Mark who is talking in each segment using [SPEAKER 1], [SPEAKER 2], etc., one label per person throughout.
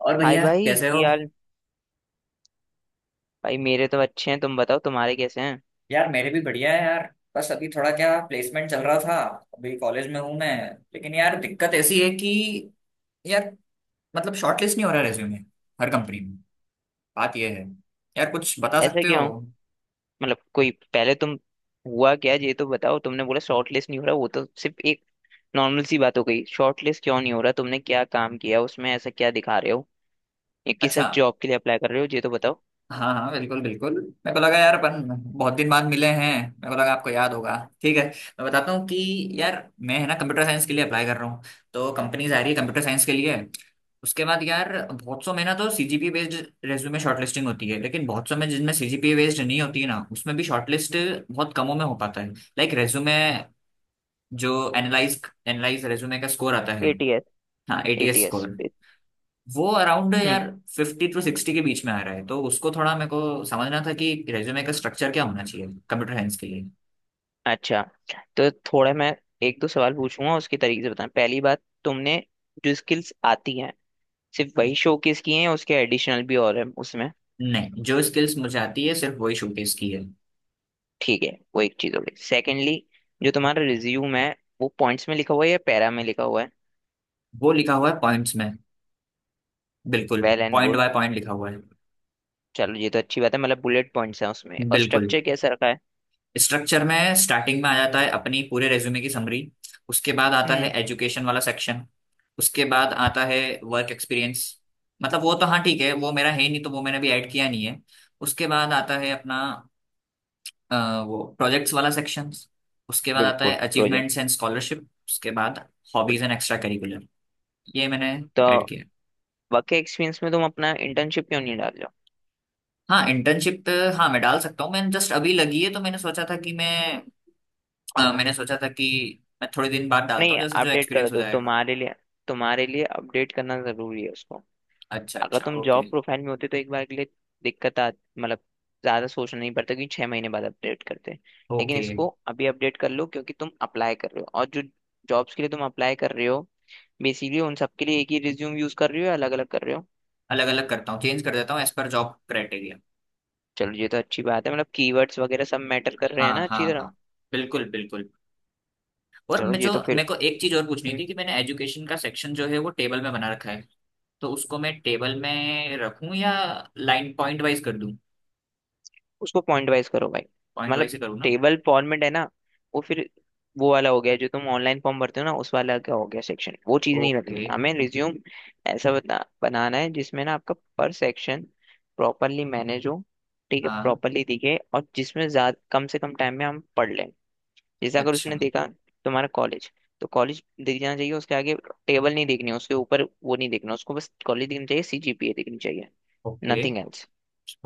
[SPEAKER 1] और
[SPEAKER 2] हाय
[SPEAKER 1] भैया
[SPEAKER 2] भाई
[SPEAKER 1] कैसे हो।
[SPEAKER 2] कि यार। भाई मेरे तो अच्छे हैं, तुम बताओ तुम्हारे कैसे हैं।
[SPEAKER 1] यार मेरे भी बढ़िया है यार। बस अभी थोड़ा क्या प्लेसमेंट चल रहा था। अभी कॉलेज में हूँ मैं। लेकिन यार दिक्कत ऐसी है कि यार मतलब शॉर्टलिस्ट नहीं हो रहा रेज्यूमे हर कंपनी में। बात ये है यार, कुछ बता
[SPEAKER 2] ऐसा
[SPEAKER 1] सकते हो?
[SPEAKER 2] क्यों? मतलब कोई पहले तुम हुआ क्या ये तो बताओ। तुमने बोला शॉर्ट लिस्ट नहीं हो रहा, वो तो सिर्फ एक नॉर्मल सी बात हो गई। शॉर्ट लिस्ट क्यों नहीं हो रहा? तुमने क्या काम किया उसमें, ऐसा क्या दिखा रहे हो या किस
[SPEAKER 1] अच्छा,
[SPEAKER 2] जॉब के लिए अप्लाई कर रहे हो ये तो बताओ।
[SPEAKER 1] हाँ हाँ, बिल्कुल बिल्कुल, मेरे को लगा यार अपन बहुत दिन बाद मिले हैं, मेरे को लगा आपको याद होगा। ठीक है मैं बताता हूँ कि यार, मैं है ना कंप्यूटर साइंस के लिए अप्लाई कर रहा हूँ, तो कंपनीज आ रही है कंप्यूटर साइंस के लिए। उसके बाद यार बहुत सौ में ना तो सीजीपीए बेस्ड रेज्यूमे शॉर्टलिस्टिंग होती है, लेकिन बहुत सौ में जिनमें सीजीपीए बेस्ड नहीं होती है ना उसमें भी शॉर्टलिस्ट बहुत कमों में हो पाता है। लाइक रेज्यूमे जो एनालाइज एनालाइज रेज्यूमे का स्कोर आता है।
[SPEAKER 2] एटीएस।
[SPEAKER 1] हाँ, एटीएस
[SPEAKER 2] एटीएस।
[SPEAKER 1] स्कोर वो अराउंड
[SPEAKER 2] हम्म।
[SPEAKER 1] यार 50 से 60 के बीच में आ रहा है। तो उसको थोड़ा मेरे को समझना था कि रेज्यूमे का स्ट्रक्चर क्या होना चाहिए कंप्यूटर साइंस के लिए।
[SPEAKER 2] अच्छा, तो थोड़ा मैं एक दो सवाल पूछूंगा उसके तरीके से बताना। पहली बात, तुमने जो स्किल्स आती हैं सिर्फ वही शोकेस किए हैं या उसके एडिशनल भी और हैं उसमें?
[SPEAKER 1] नहीं, जो स्किल्स मुझे आती है सिर्फ वही शोकेस की है।
[SPEAKER 2] ठीक है, वो एक चीज हो गई। सेकेंडली, जो तुम्हारा रिज्यूम है वो पॉइंट्स में लिखा हुआ है या पैरा में लिखा हुआ है?
[SPEAKER 1] वो लिखा हुआ है पॉइंट्स में, बिल्कुल।
[SPEAKER 2] Well and
[SPEAKER 1] point
[SPEAKER 2] good.
[SPEAKER 1] By point लिखा हुआ है।
[SPEAKER 2] चलो ये तो अच्छी बात है, मतलब बुलेट पॉइंट्स हैं उसमें। और
[SPEAKER 1] बिल्कुल।
[SPEAKER 2] स्ट्रक्चर कैसा रखा है?
[SPEAKER 1] स्ट्रक्चर में स्टार्टिंग में आ जाता है अपनी पूरे रेज्यूमे की समरी। उसके बाद आता है
[SPEAKER 2] हम्म।
[SPEAKER 1] एजुकेशन वाला सेक्शन। उसके बाद आता है वर्क एक्सपीरियंस। मतलब वो तो हाँ ठीक है, वो मेरा है नहीं, तो वो मैंने अभी ऐड किया नहीं है। उसके बाद आता है अपना अ, वो प्रोजेक्ट्स वाला सेक्शन। उसके बाद आता है
[SPEAKER 2] बिल्कुल
[SPEAKER 1] अचीवमेंट्स
[SPEAKER 2] प्रोजेक्ट।
[SPEAKER 1] And scholarship. उसके बाद हॉबीज एंड एक्स्ट्रा करिकुलर, ये मैंने
[SPEAKER 2] तो
[SPEAKER 1] ऐड किया।
[SPEAKER 2] वर्क एक्सपीरियंस में तुम अपना इंटर्नशिप क्यों नहीं डाल रहे हो?
[SPEAKER 1] हाँ इंटर्नशिप। हाँ मैं डाल सकता हूँ, मैंने जस्ट अभी लगी है तो मैंने सोचा था कि मैं मैंने सोचा था कि मैं थोड़े दिन बाद डालता
[SPEAKER 2] नहीं,
[SPEAKER 1] हूँ जैसे जो
[SPEAKER 2] अपडेट कर
[SPEAKER 1] एक्सपीरियंस हो
[SPEAKER 2] दो।
[SPEAKER 1] जाएगा।
[SPEAKER 2] तुम्हारे लिए, तुम्हारे लिए अपडेट करना जरूरी है उसको।
[SPEAKER 1] अच्छा
[SPEAKER 2] अगर
[SPEAKER 1] अच्छा,
[SPEAKER 2] तुम
[SPEAKER 1] ओके
[SPEAKER 2] जॉब प्रोफाइल में होते तो एक बार के लिए दिक्कत आ, मतलब ज्यादा सोचना नहीं पड़ता क्योंकि 6 महीने बाद अपडेट करते हैं। लेकिन
[SPEAKER 1] ओके।
[SPEAKER 2] इसको अभी अपडेट कर लो क्योंकि तुम अप्लाई कर रहे हो। और जो जॉब्स के लिए तुम अप्लाई कर रहे हो बेसिकली उन सब के लिए एक ही रिज्यूम यूज कर रहे हो या अलग अलग कर रहे हो?
[SPEAKER 1] अलग अलग करता हूँ, चेंज कर देता हूँ एज पर जॉब क्राइटेरिया।
[SPEAKER 2] चलो ये तो अच्छी बात है, मतलब कीवर्ड्स वगैरह सब मैटर कर रहे हैं
[SPEAKER 1] हाँ
[SPEAKER 2] ना
[SPEAKER 1] हाँ
[SPEAKER 2] अच्छी तरह।
[SPEAKER 1] हाँ, बिल्कुल बिल्कुल। और
[SPEAKER 2] चलो
[SPEAKER 1] मैं
[SPEAKER 2] ये
[SPEAKER 1] जो
[SPEAKER 2] तो फिर।
[SPEAKER 1] मेरे को एक चीज और पूछनी थी कि मैंने एजुकेशन का सेक्शन जो है वो टेबल में बना रखा है। तो उसको मैं टेबल में रखूं या लाइन पॉइंट वाइज कर दूं?
[SPEAKER 2] उसको पॉइंट वाइज करो भाई।
[SPEAKER 1] पॉइंट
[SPEAKER 2] मतलब
[SPEAKER 1] वाइज ही करूँ ना?
[SPEAKER 2] टेबल फॉर्मेट है ना, वो फिर वो वाला हो गया जो तुम ऑनलाइन फॉर्म भरते हो ना, उस वाला का हो गया सेक्शन। वो चीज़ नहीं
[SPEAKER 1] ओके।
[SPEAKER 2] रखनी हमें रिज्यूम। ऐसा बनाना है जिसमें ना आपका पर सेक्शन प्रॉपरली मैनेज हो। ठीक है,
[SPEAKER 1] हाँ।
[SPEAKER 2] प्रॉपरली दिखे और जिसमें ज्यादा कम से कम टाइम में हम पढ़ लें। जैसे अगर उसने
[SPEAKER 1] अच्छा,
[SPEAKER 2] देखा तुम्हारा कॉलेज, तो कॉलेज दिख जाना चाहिए उसके आगे। टेबल नहीं देखनी है, उसके ऊपर वो नहीं देखना उसको, बस कॉलेज दिखनी चाहिए, सीजीपीए दिखनी चाहिए।
[SPEAKER 1] Okay
[SPEAKER 2] nothing else.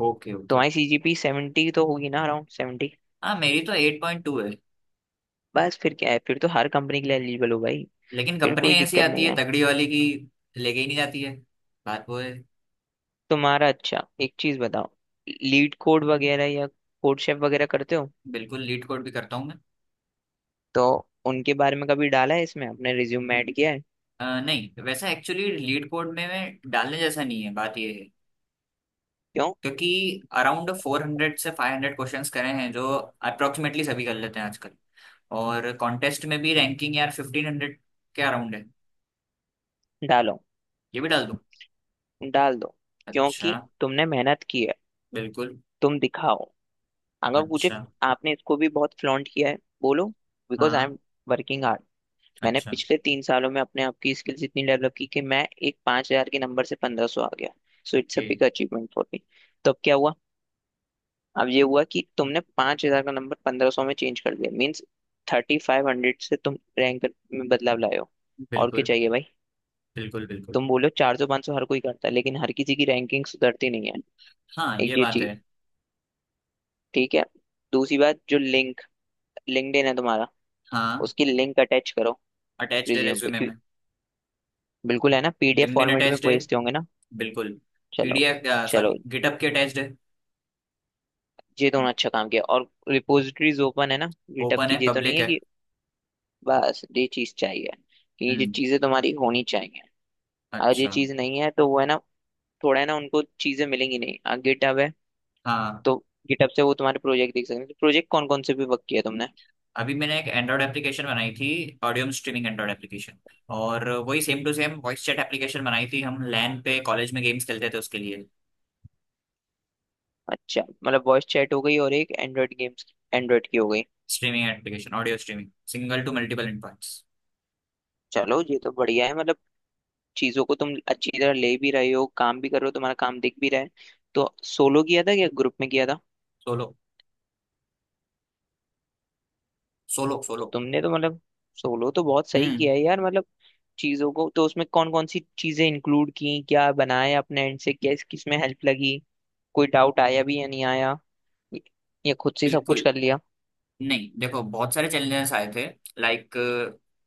[SPEAKER 1] Okay. Okay.
[SPEAKER 2] तुम्हारी सीजीपी 70 तो होगी ना, अराउंड 70?
[SPEAKER 1] हाँ मेरी तो 8.2 है।
[SPEAKER 2] बस फिर क्या है, फिर तो हर कंपनी के लिए एलिजिबल हो भाई।
[SPEAKER 1] लेकिन
[SPEAKER 2] फिर कोई
[SPEAKER 1] कंपनियां ऐसी
[SPEAKER 2] दिक्कत
[SPEAKER 1] आती
[SPEAKER 2] नहीं
[SPEAKER 1] है
[SPEAKER 2] है।
[SPEAKER 1] तगड़ी वाली की, लेके ही नहीं जाती है। बात वो है।
[SPEAKER 2] तुम्हारा अच्छा, एक चीज बताओ, लीड कोड वगैरह या कोड शेफ वगैरह करते हो?
[SPEAKER 1] बिल्कुल लीड कोड भी करता हूँ मैं।
[SPEAKER 2] तो उनके बारे में कभी डाला है इसमें, अपने रिज्यूम में ऐड किया है?
[SPEAKER 1] नहीं वैसा एक्चुअली लीड कोड में मैं डालने जैसा नहीं है, बात ये है।
[SPEAKER 2] क्यों?
[SPEAKER 1] क्योंकि अराउंड 400 से 500 क्वेश्चंस करे हैं जो अप्रोक्सीमेटली सभी कर लेते हैं आजकल। और कॉन्टेस्ट में भी रैंकिंग यार 1500 के अराउंड है।
[SPEAKER 2] डालो।
[SPEAKER 1] ये भी डाल दूँ?
[SPEAKER 2] डाल दो।
[SPEAKER 1] अच्छा।
[SPEAKER 2] क्योंकि तुमने मेहनत की है,
[SPEAKER 1] बिल्कुल।
[SPEAKER 2] तुम दिखाओ। अगर पूछे,
[SPEAKER 1] अच्छा।
[SPEAKER 2] आपने इसको भी बहुत फ्लॉन्ट किया है, बोलो, बिकॉज आई
[SPEAKER 1] हाँ।
[SPEAKER 2] Am working hard. मैंने
[SPEAKER 1] अच्छा,
[SPEAKER 2] पिछले 3 सालों में अपने आप की स्किल्स इतनी डेवलप की कि मैं एक 5,000 के नंबर से 1500 आ गया। So it's uh
[SPEAKER 1] okay.
[SPEAKER 2] Big achievement for me. तो अब क्या हुआ, अब ये हुआ कि तुमने 5,000 का नंबर 1500 में चेंज कर दिया, मीन्स 3500 से तुम रैंक में बदलाव लाए हो। और क्या
[SPEAKER 1] बिल्कुल
[SPEAKER 2] चाहिए भाई।
[SPEAKER 1] बिल्कुल बिल्कुल।
[SPEAKER 2] तुम बोलो, 400 500 हर कोई करता है लेकिन हर किसी की रैंकिंग सुधरती नहीं है।
[SPEAKER 1] हाँ ये
[SPEAKER 2] एक ये
[SPEAKER 1] बात है।
[SPEAKER 2] चीज। ठीक है। दूसरी बात, जो लिंक लिंक्डइन है तुम्हारा,
[SPEAKER 1] हाँ,
[SPEAKER 2] उसकी लिंक अटैच करो।
[SPEAKER 1] अटैच्ड है
[SPEAKER 2] रिज्यूम पे
[SPEAKER 1] रेज्यूमे
[SPEAKER 2] क्यों?
[SPEAKER 1] में।
[SPEAKER 2] बिल्कुल है ना, पीडीएफ
[SPEAKER 1] लिंक्डइन
[SPEAKER 2] फॉर्मेट में
[SPEAKER 1] अटैच्ड है,
[SPEAKER 2] भेजते होंगे ना।
[SPEAKER 1] बिल्कुल।
[SPEAKER 2] चलो।
[SPEAKER 1] पीडीएफ
[SPEAKER 2] चलो,
[SPEAKER 1] सॉरी गिटअप के अटैच्ड है।
[SPEAKER 2] ये दोनों अच्छा काम किया। और रिपोजिटरीज ओपन है ना गिटहब
[SPEAKER 1] ओपन
[SPEAKER 2] की,
[SPEAKER 1] है,
[SPEAKER 2] ये तो नहीं
[SPEAKER 1] पब्लिक
[SPEAKER 2] है
[SPEAKER 1] है।
[SPEAKER 2] कि? बस ये चीज चाहिए कि ये
[SPEAKER 1] हम्म।
[SPEAKER 2] चीजें तुम्हारी होनी चाहिए। अगर ये
[SPEAKER 1] अच्छा।
[SPEAKER 2] चीज नहीं है तो वो है ना, थोड़ा है ना उनको चीजें मिलेंगी नहीं, गिटहब है
[SPEAKER 1] हाँ।
[SPEAKER 2] तो गिटहब से वो तुम्हारे प्रोजेक्ट देख सकते हैं। तो प्रोजेक्ट कौन कौन से भी वर्क किया तुमने?
[SPEAKER 1] अभी मैंने एक एंड्रॉयड एप्लीकेशन बनाई थी, ऑडियो स्ट्रीमिंग एंड्रॉयड एप्लीकेशन। और वही same to same voice chat application बनाई थी, हम लैन पे कॉलेज में गेम्स खेलते थे उसके लिए।
[SPEAKER 2] अच्छा, मतलब वॉइस चैट हो गई और एक एंड्रॉइड गेम्स, एंड्रॉइड की हो गई।
[SPEAKER 1] Streaming application, audio streaming, single to multiple inputs.
[SPEAKER 2] चलो ये तो बढ़िया है, मतलब चीजों को तुम अच्छी तरह ले भी रहे हो, काम भी कर रहे हो, तुम्हारा काम दिख भी रहा है। तो सोलो किया था या ग्रुप में किया था?
[SPEAKER 1] सोलो। सोलो
[SPEAKER 2] तो
[SPEAKER 1] सोलो।
[SPEAKER 2] तुमने तो मतलब, सोलो तो बहुत सही
[SPEAKER 1] हम्म।
[SPEAKER 2] किया है यार, मतलब चीजों को। तो उसमें कौन कौन सी चीजें इंक्लूड की, क्या बनाया अपने एंड से, क्या किस में हेल्प लगी, कोई डाउट आया भी या नहीं आया, ये खुद से ही सब कुछ
[SPEAKER 1] बिल्कुल।
[SPEAKER 2] कर लिया?
[SPEAKER 1] नहीं देखो, बहुत सारे चैलेंजेस आए थे। लाइक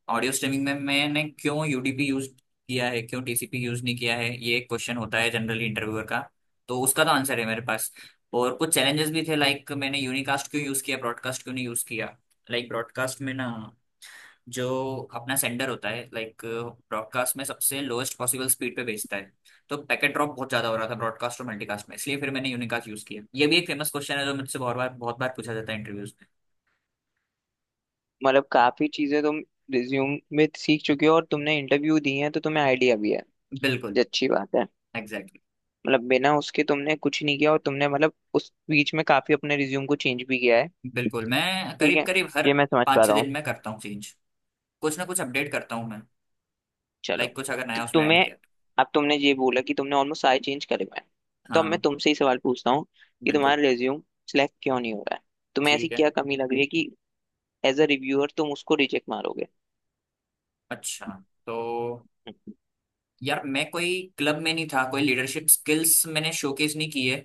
[SPEAKER 1] ऑडियो स्ट्रीमिंग में मैंने क्यों यूडीपी यूज किया है, क्यों टीसीपी यूज नहीं किया है, ये एक क्वेश्चन होता है जनरली इंटरव्यूअर का। तो उसका तो आंसर है मेरे पास। और कुछ चैलेंजेस भी थे, लाइक मैंने यूनिकास्ट क्यों यूज किया, ब्रॉडकास्ट क्यों नहीं यूज किया। लाइक ब्रॉडकास्ट में ना जो अपना सेंडर होता है लाइक ब्रॉडकास्ट में सबसे लोएस्ट पॉसिबल स्पीड पे भेजता है, तो पैकेट ड्रॉप बहुत ज्यादा हो रहा था ब्रॉडकास्ट और मल्टीकास्ट में। इसलिए फिर मैंने यूनिकास्ट यूज किया। ये भी एक फेमस क्वेश्चन है जो मुझसे बहुत बार पूछा जाता है इंटरव्यूज
[SPEAKER 2] मतलब काफी चीजें तुम रिज्यूम में सीख चुके हो और तुमने इंटरव्यू दिए हैं तो तुम्हें आइडिया भी है।
[SPEAKER 1] में। बिल्कुल।
[SPEAKER 2] ये अच्छी बात है।
[SPEAKER 1] Exactly exactly.
[SPEAKER 2] मतलब बिना उसके तुमने कुछ नहीं किया और तुमने, मतलब उस बीच में काफी अपने रिज्यूम को चेंज भी किया है।
[SPEAKER 1] बिल्कुल। मैं
[SPEAKER 2] ठीक
[SPEAKER 1] करीब
[SPEAKER 2] है,
[SPEAKER 1] करीब हर
[SPEAKER 2] ये मैं समझ
[SPEAKER 1] पाँच
[SPEAKER 2] पा
[SPEAKER 1] छः
[SPEAKER 2] रहा हूँ।
[SPEAKER 1] दिन में करता हूँ चेंज, कुछ ना कुछ अपडेट करता हूँ मैं,
[SPEAKER 2] चलो।
[SPEAKER 1] लाइक कुछ अगर
[SPEAKER 2] तो
[SPEAKER 1] नया उसमें ऐड
[SPEAKER 2] तुम्हें,
[SPEAKER 1] किया तो।
[SPEAKER 2] अब तुमने ये बोला कि तुमने ऑलमोस्ट सारे चेंज करे हुए हैं। तो अब मैं
[SPEAKER 1] हाँ।
[SPEAKER 2] तुमसे ही सवाल पूछता हूँ कि
[SPEAKER 1] बिल्कुल।
[SPEAKER 2] तुम्हारा रिज्यूम सिलेक्ट क्यों नहीं हो रहा है? तुम्हें ऐसी
[SPEAKER 1] ठीक है।
[SPEAKER 2] क्या कमी लग रही है कि एज अ रिव्यूअर तुम उसको रिजेक्ट मारोगे?
[SPEAKER 1] अच्छा, तो यार मैं कोई क्लब में नहीं था, कोई लीडरशिप स्किल्स मैंने शोकेस नहीं की है।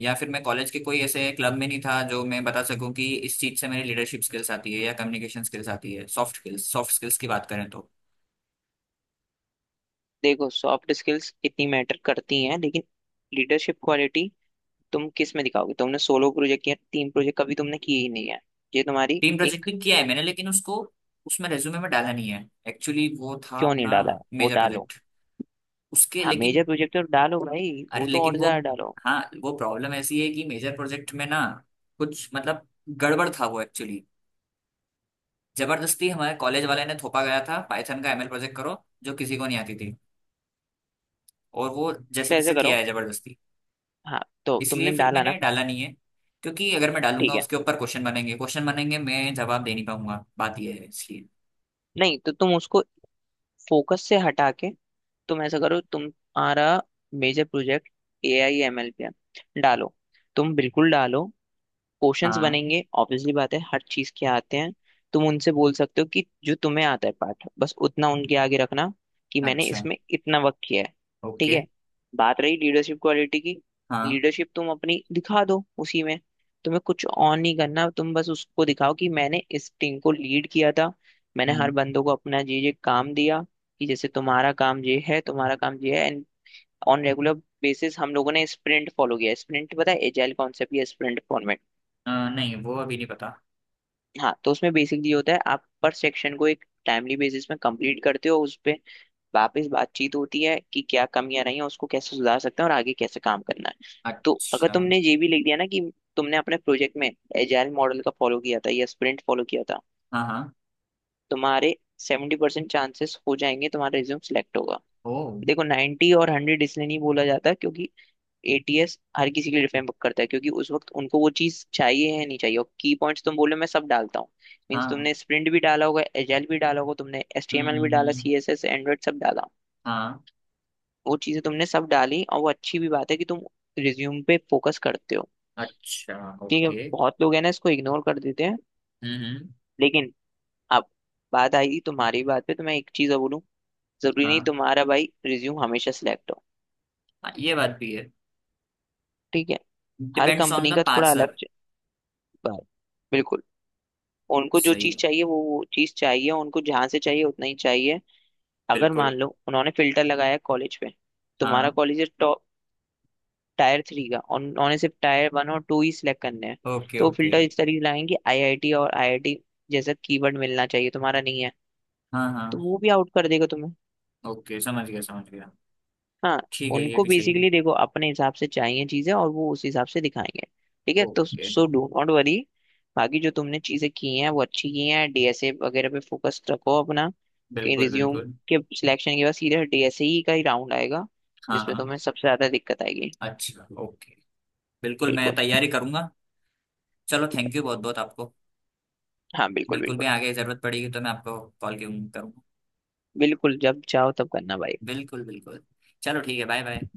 [SPEAKER 1] या फिर मैं कॉलेज के कोई ऐसे क्लब में नहीं था जो मैं बता सकूं कि इस चीज से मेरी लीडरशिप स्किल्स आती है या कम्युनिकेशन स्किल्स आती है। सॉफ्ट स्किल्स, सॉफ्ट स्किल्स की बात करें तो।
[SPEAKER 2] देखो, सॉफ्ट स्किल्स इतनी मैटर करती हैं लेकिन लीडरशिप क्वालिटी तुम किस में दिखाओगे? तुमने सोलो प्रोजेक्ट किया, टीम प्रोजेक्ट कभी तुमने किए ही नहीं है। ये तुम्हारी
[SPEAKER 1] टीम प्रोजेक्ट
[SPEAKER 2] एक।
[SPEAKER 1] भी किया है मैंने, लेकिन उसको उसमें रेज्यूमे में डाला नहीं है। एक्चुअली वो था
[SPEAKER 2] क्यों नहीं
[SPEAKER 1] अपना
[SPEAKER 2] डाला है, वो
[SPEAKER 1] मेजर
[SPEAKER 2] डालो।
[SPEAKER 1] प्रोजेक्ट उसके
[SPEAKER 2] हाँ
[SPEAKER 1] लेकिन,
[SPEAKER 2] मेजर प्रोजेक्ट तो डालो भाई,
[SPEAKER 1] अरे
[SPEAKER 2] वो तो
[SPEAKER 1] लेकिन
[SPEAKER 2] और
[SPEAKER 1] वो,
[SPEAKER 2] ज्यादा डालो।
[SPEAKER 1] हाँ वो प्रॉब्लम ऐसी है कि मेजर प्रोजेक्ट में ना कुछ मतलब गड़बड़ था वो एक्चुअली। जबरदस्ती हमारे कॉलेज वाले ने थोपा गया था, पाइथन का एमएल प्रोजेक्ट करो जो किसी को नहीं आती थी, और वो जैसे
[SPEAKER 2] तो ऐसे
[SPEAKER 1] तैसे किया
[SPEAKER 2] करो।
[SPEAKER 1] है जबरदस्ती।
[SPEAKER 2] हाँ, तो तुमने
[SPEAKER 1] इसलिए फिर
[SPEAKER 2] डाला
[SPEAKER 1] मैंने
[SPEAKER 2] ना।
[SPEAKER 1] डाला नहीं है, क्योंकि अगर मैं डालूंगा
[SPEAKER 2] ठीक है।
[SPEAKER 1] उसके ऊपर क्वेश्चन बनेंगे, क्वेश्चन बनेंगे मैं जवाब दे नहीं पाऊंगा, बात यह है इसलिए।
[SPEAKER 2] नहीं तो तुम उसको फोकस से हटा के, तुम ऐसा करो, तुम्हारा मेजर प्रोजेक्ट AI ML पे है, डालो, तुम बिल्कुल डालो। क्वेश्चंस
[SPEAKER 1] हाँ।
[SPEAKER 2] बनेंगे ऑब्वियसली, बात है, हर चीज के आते हैं। तुम उनसे बोल सकते हो कि जो तुम्हें आता है पाठ बस उतना उनके आगे रखना कि मैंने
[SPEAKER 1] अच्छा,
[SPEAKER 2] इसमें इतना वक्त किया है। ठीक
[SPEAKER 1] ओके।
[SPEAKER 2] है। बात रही लीडरशिप क्वालिटी की,
[SPEAKER 1] हाँ।
[SPEAKER 2] लीडरशिप तुम अपनी दिखा दो उसी में। तुम्हें कुछ ऑन नहीं करना, तुम बस उसको दिखाओ कि मैंने इस टीम को लीड किया था, मैंने हर
[SPEAKER 1] हम्म।
[SPEAKER 2] बंदों को अपना ये काम दिया, कि जैसे तुम्हारा काम ये है, तुम्हारा काम ये है। एंड ऑन रेगुलर बेसिस हम लोगों ने स्प्रिंट फॉलो किया। स्प्रिंट पता है, एजाइल कॉन्सेप्ट या स्प्रिंट?
[SPEAKER 1] नहीं वो अभी नहीं पता।
[SPEAKER 2] हाँ, तो उसमें बेसिकली होता है आप पर सेक्शन को एक टाइमली बेसिस में कंप्लीट करते हो, उस पे वापस बातचीत होती है कि क्या कमियां रही हैं, उसको कैसे सुधार सकते हैं और आगे कैसे काम करना है। तो अगर
[SPEAKER 1] अच्छा।
[SPEAKER 2] तुमने ये भी लिख दिया ना कि तुमने अपने प्रोजेक्ट में एजाइल मॉडल का फॉलो किया था या स्प्रिंट फॉलो किया था,
[SPEAKER 1] हाँ हाँ।
[SPEAKER 2] तुम्हारे 70% चांसेस हो जाएंगे तुम्हारा रिज्यूम सिलेक्ट होगा।
[SPEAKER 1] ओ।
[SPEAKER 2] देखो 90 और 100 इसलिए नहीं बोला जाता क्योंकि एटीएस हर किसी के लिए डिफरेंट करता है क्योंकि उस वक्त उनको वो चीज चाहिए, है नहीं चाहिए। और की पॉइंट्स तुम बोलो, मैं सब डालता हूँ, मीन्स
[SPEAKER 1] हाँ।
[SPEAKER 2] तुमने स्प्रिंट भी डाला होगा, एजाइल भी डाला होगा, तुमने एचटीएमएल भी डाला,
[SPEAKER 1] हम्म।
[SPEAKER 2] सीएसएस, एंड्रॉइड, सब डाला।
[SPEAKER 1] हाँ।
[SPEAKER 2] वो चीजें तुमने सब डाली और वो अच्छी भी बात है कि तुम रिज्यूम पे फोकस करते हो।
[SPEAKER 1] अच्छा,
[SPEAKER 2] ठीक है,
[SPEAKER 1] ओके।
[SPEAKER 2] बहुत लोग है ना इसको इग्नोर कर देते हैं।
[SPEAKER 1] हम्म।
[SPEAKER 2] लेकिन अब बात आई तुम्हारी बात पे, तो मैं एक चीज और बोलूँ, जरूरी नहीं
[SPEAKER 1] हाँ
[SPEAKER 2] तुम्हारा भाई रिज्यूम हमेशा सिलेक्ट हो।
[SPEAKER 1] हाँ, ये बात भी है।
[SPEAKER 2] ठीक है, हर
[SPEAKER 1] डिपेंड्स ऑन
[SPEAKER 2] कंपनी
[SPEAKER 1] द
[SPEAKER 2] का थोड़ा अलग
[SPEAKER 1] पार्सर।
[SPEAKER 2] बात, बिल्कुल। उनको जो
[SPEAKER 1] सही
[SPEAKER 2] चीज
[SPEAKER 1] है।
[SPEAKER 2] चाहिए वो चीज चाहिए, उनको जहां से चाहिए उतना ही चाहिए। अगर मान
[SPEAKER 1] बिल्कुल।
[SPEAKER 2] लो उन्होंने फिल्टर लगाया कॉलेज पे, तुम्हारा
[SPEAKER 1] हाँ।
[SPEAKER 2] कॉलेज है टॉप टायर 3 का और उन्होंने सिर्फ टायर 1 और 2 ही सिलेक्ट करने हैं,
[SPEAKER 1] ओके
[SPEAKER 2] तो वो
[SPEAKER 1] ओके।
[SPEAKER 2] फिल्टर इस तरीके से लगाएंगे आईआईटी और आईआईटी जैसा कीवर्ड मिलना चाहिए, तुम्हारा नहीं है,
[SPEAKER 1] हाँ
[SPEAKER 2] तो
[SPEAKER 1] हाँ,
[SPEAKER 2] वो भी आउट कर देगा तुम्हें।
[SPEAKER 1] ओके समझ गया समझ गया।
[SPEAKER 2] हाँ।
[SPEAKER 1] ठीक है, ये
[SPEAKER 2] उनको
[SPEAKER 1] भी सही है।
[SPEAKER 2] बेसिकली देखो अपने हिसाब से चाहिए चीजें और वो उस हिसाब से दिखाएंगे। ठीक है, तो
[SPEAKER 1] okay.
[SPEAKER 2] So do not worry. बाकी जो तुमने चीजें की हैं वो अच्छी की हैं। डीएसए वगैरह पे फोकस रखो अपना।
[SPEAKER 1] बिल्कुल
[SPEAKER 2] रिज्यूम
[SPEAKER 1] बिल्कुल।
[SPEAKER 2] के सिलेक्शन के बाद सीधे डीएसई का ही राउंड आएगा
[SPEAKER 1] हाँ
[SPEAKER 2] जिसमें
[SPEAKER 1] हाँ।
[SPEAKER 2] तुम्हें सबसे ज्यादा दिक्कत आएगी।
[SPEAKER 1] अच्छा, ओके। बिल्कुल मैं
[SPEAKER 2] बिल्कुल।
[SPEAKER 1] तैयारी करूंगा। चलो थैंक यू बहुत बहुत आपको।
[SPEAKER 2] हाँ बिल्कुल
[SPEAKER 1] बिल्कुल भी
[SPEAKER 2] बिल्कुल।
[SPEAKER 1] आगे जरूरत पड़ेगी तो मैं आपको कॉल करूंगा।
[SPEAKER 2] बिल्कुल जब चाहो तब करना भाई।
[SPEAKER 1] बिल्कुल बिल्कुल। चलो ठीक है, बाय बाय।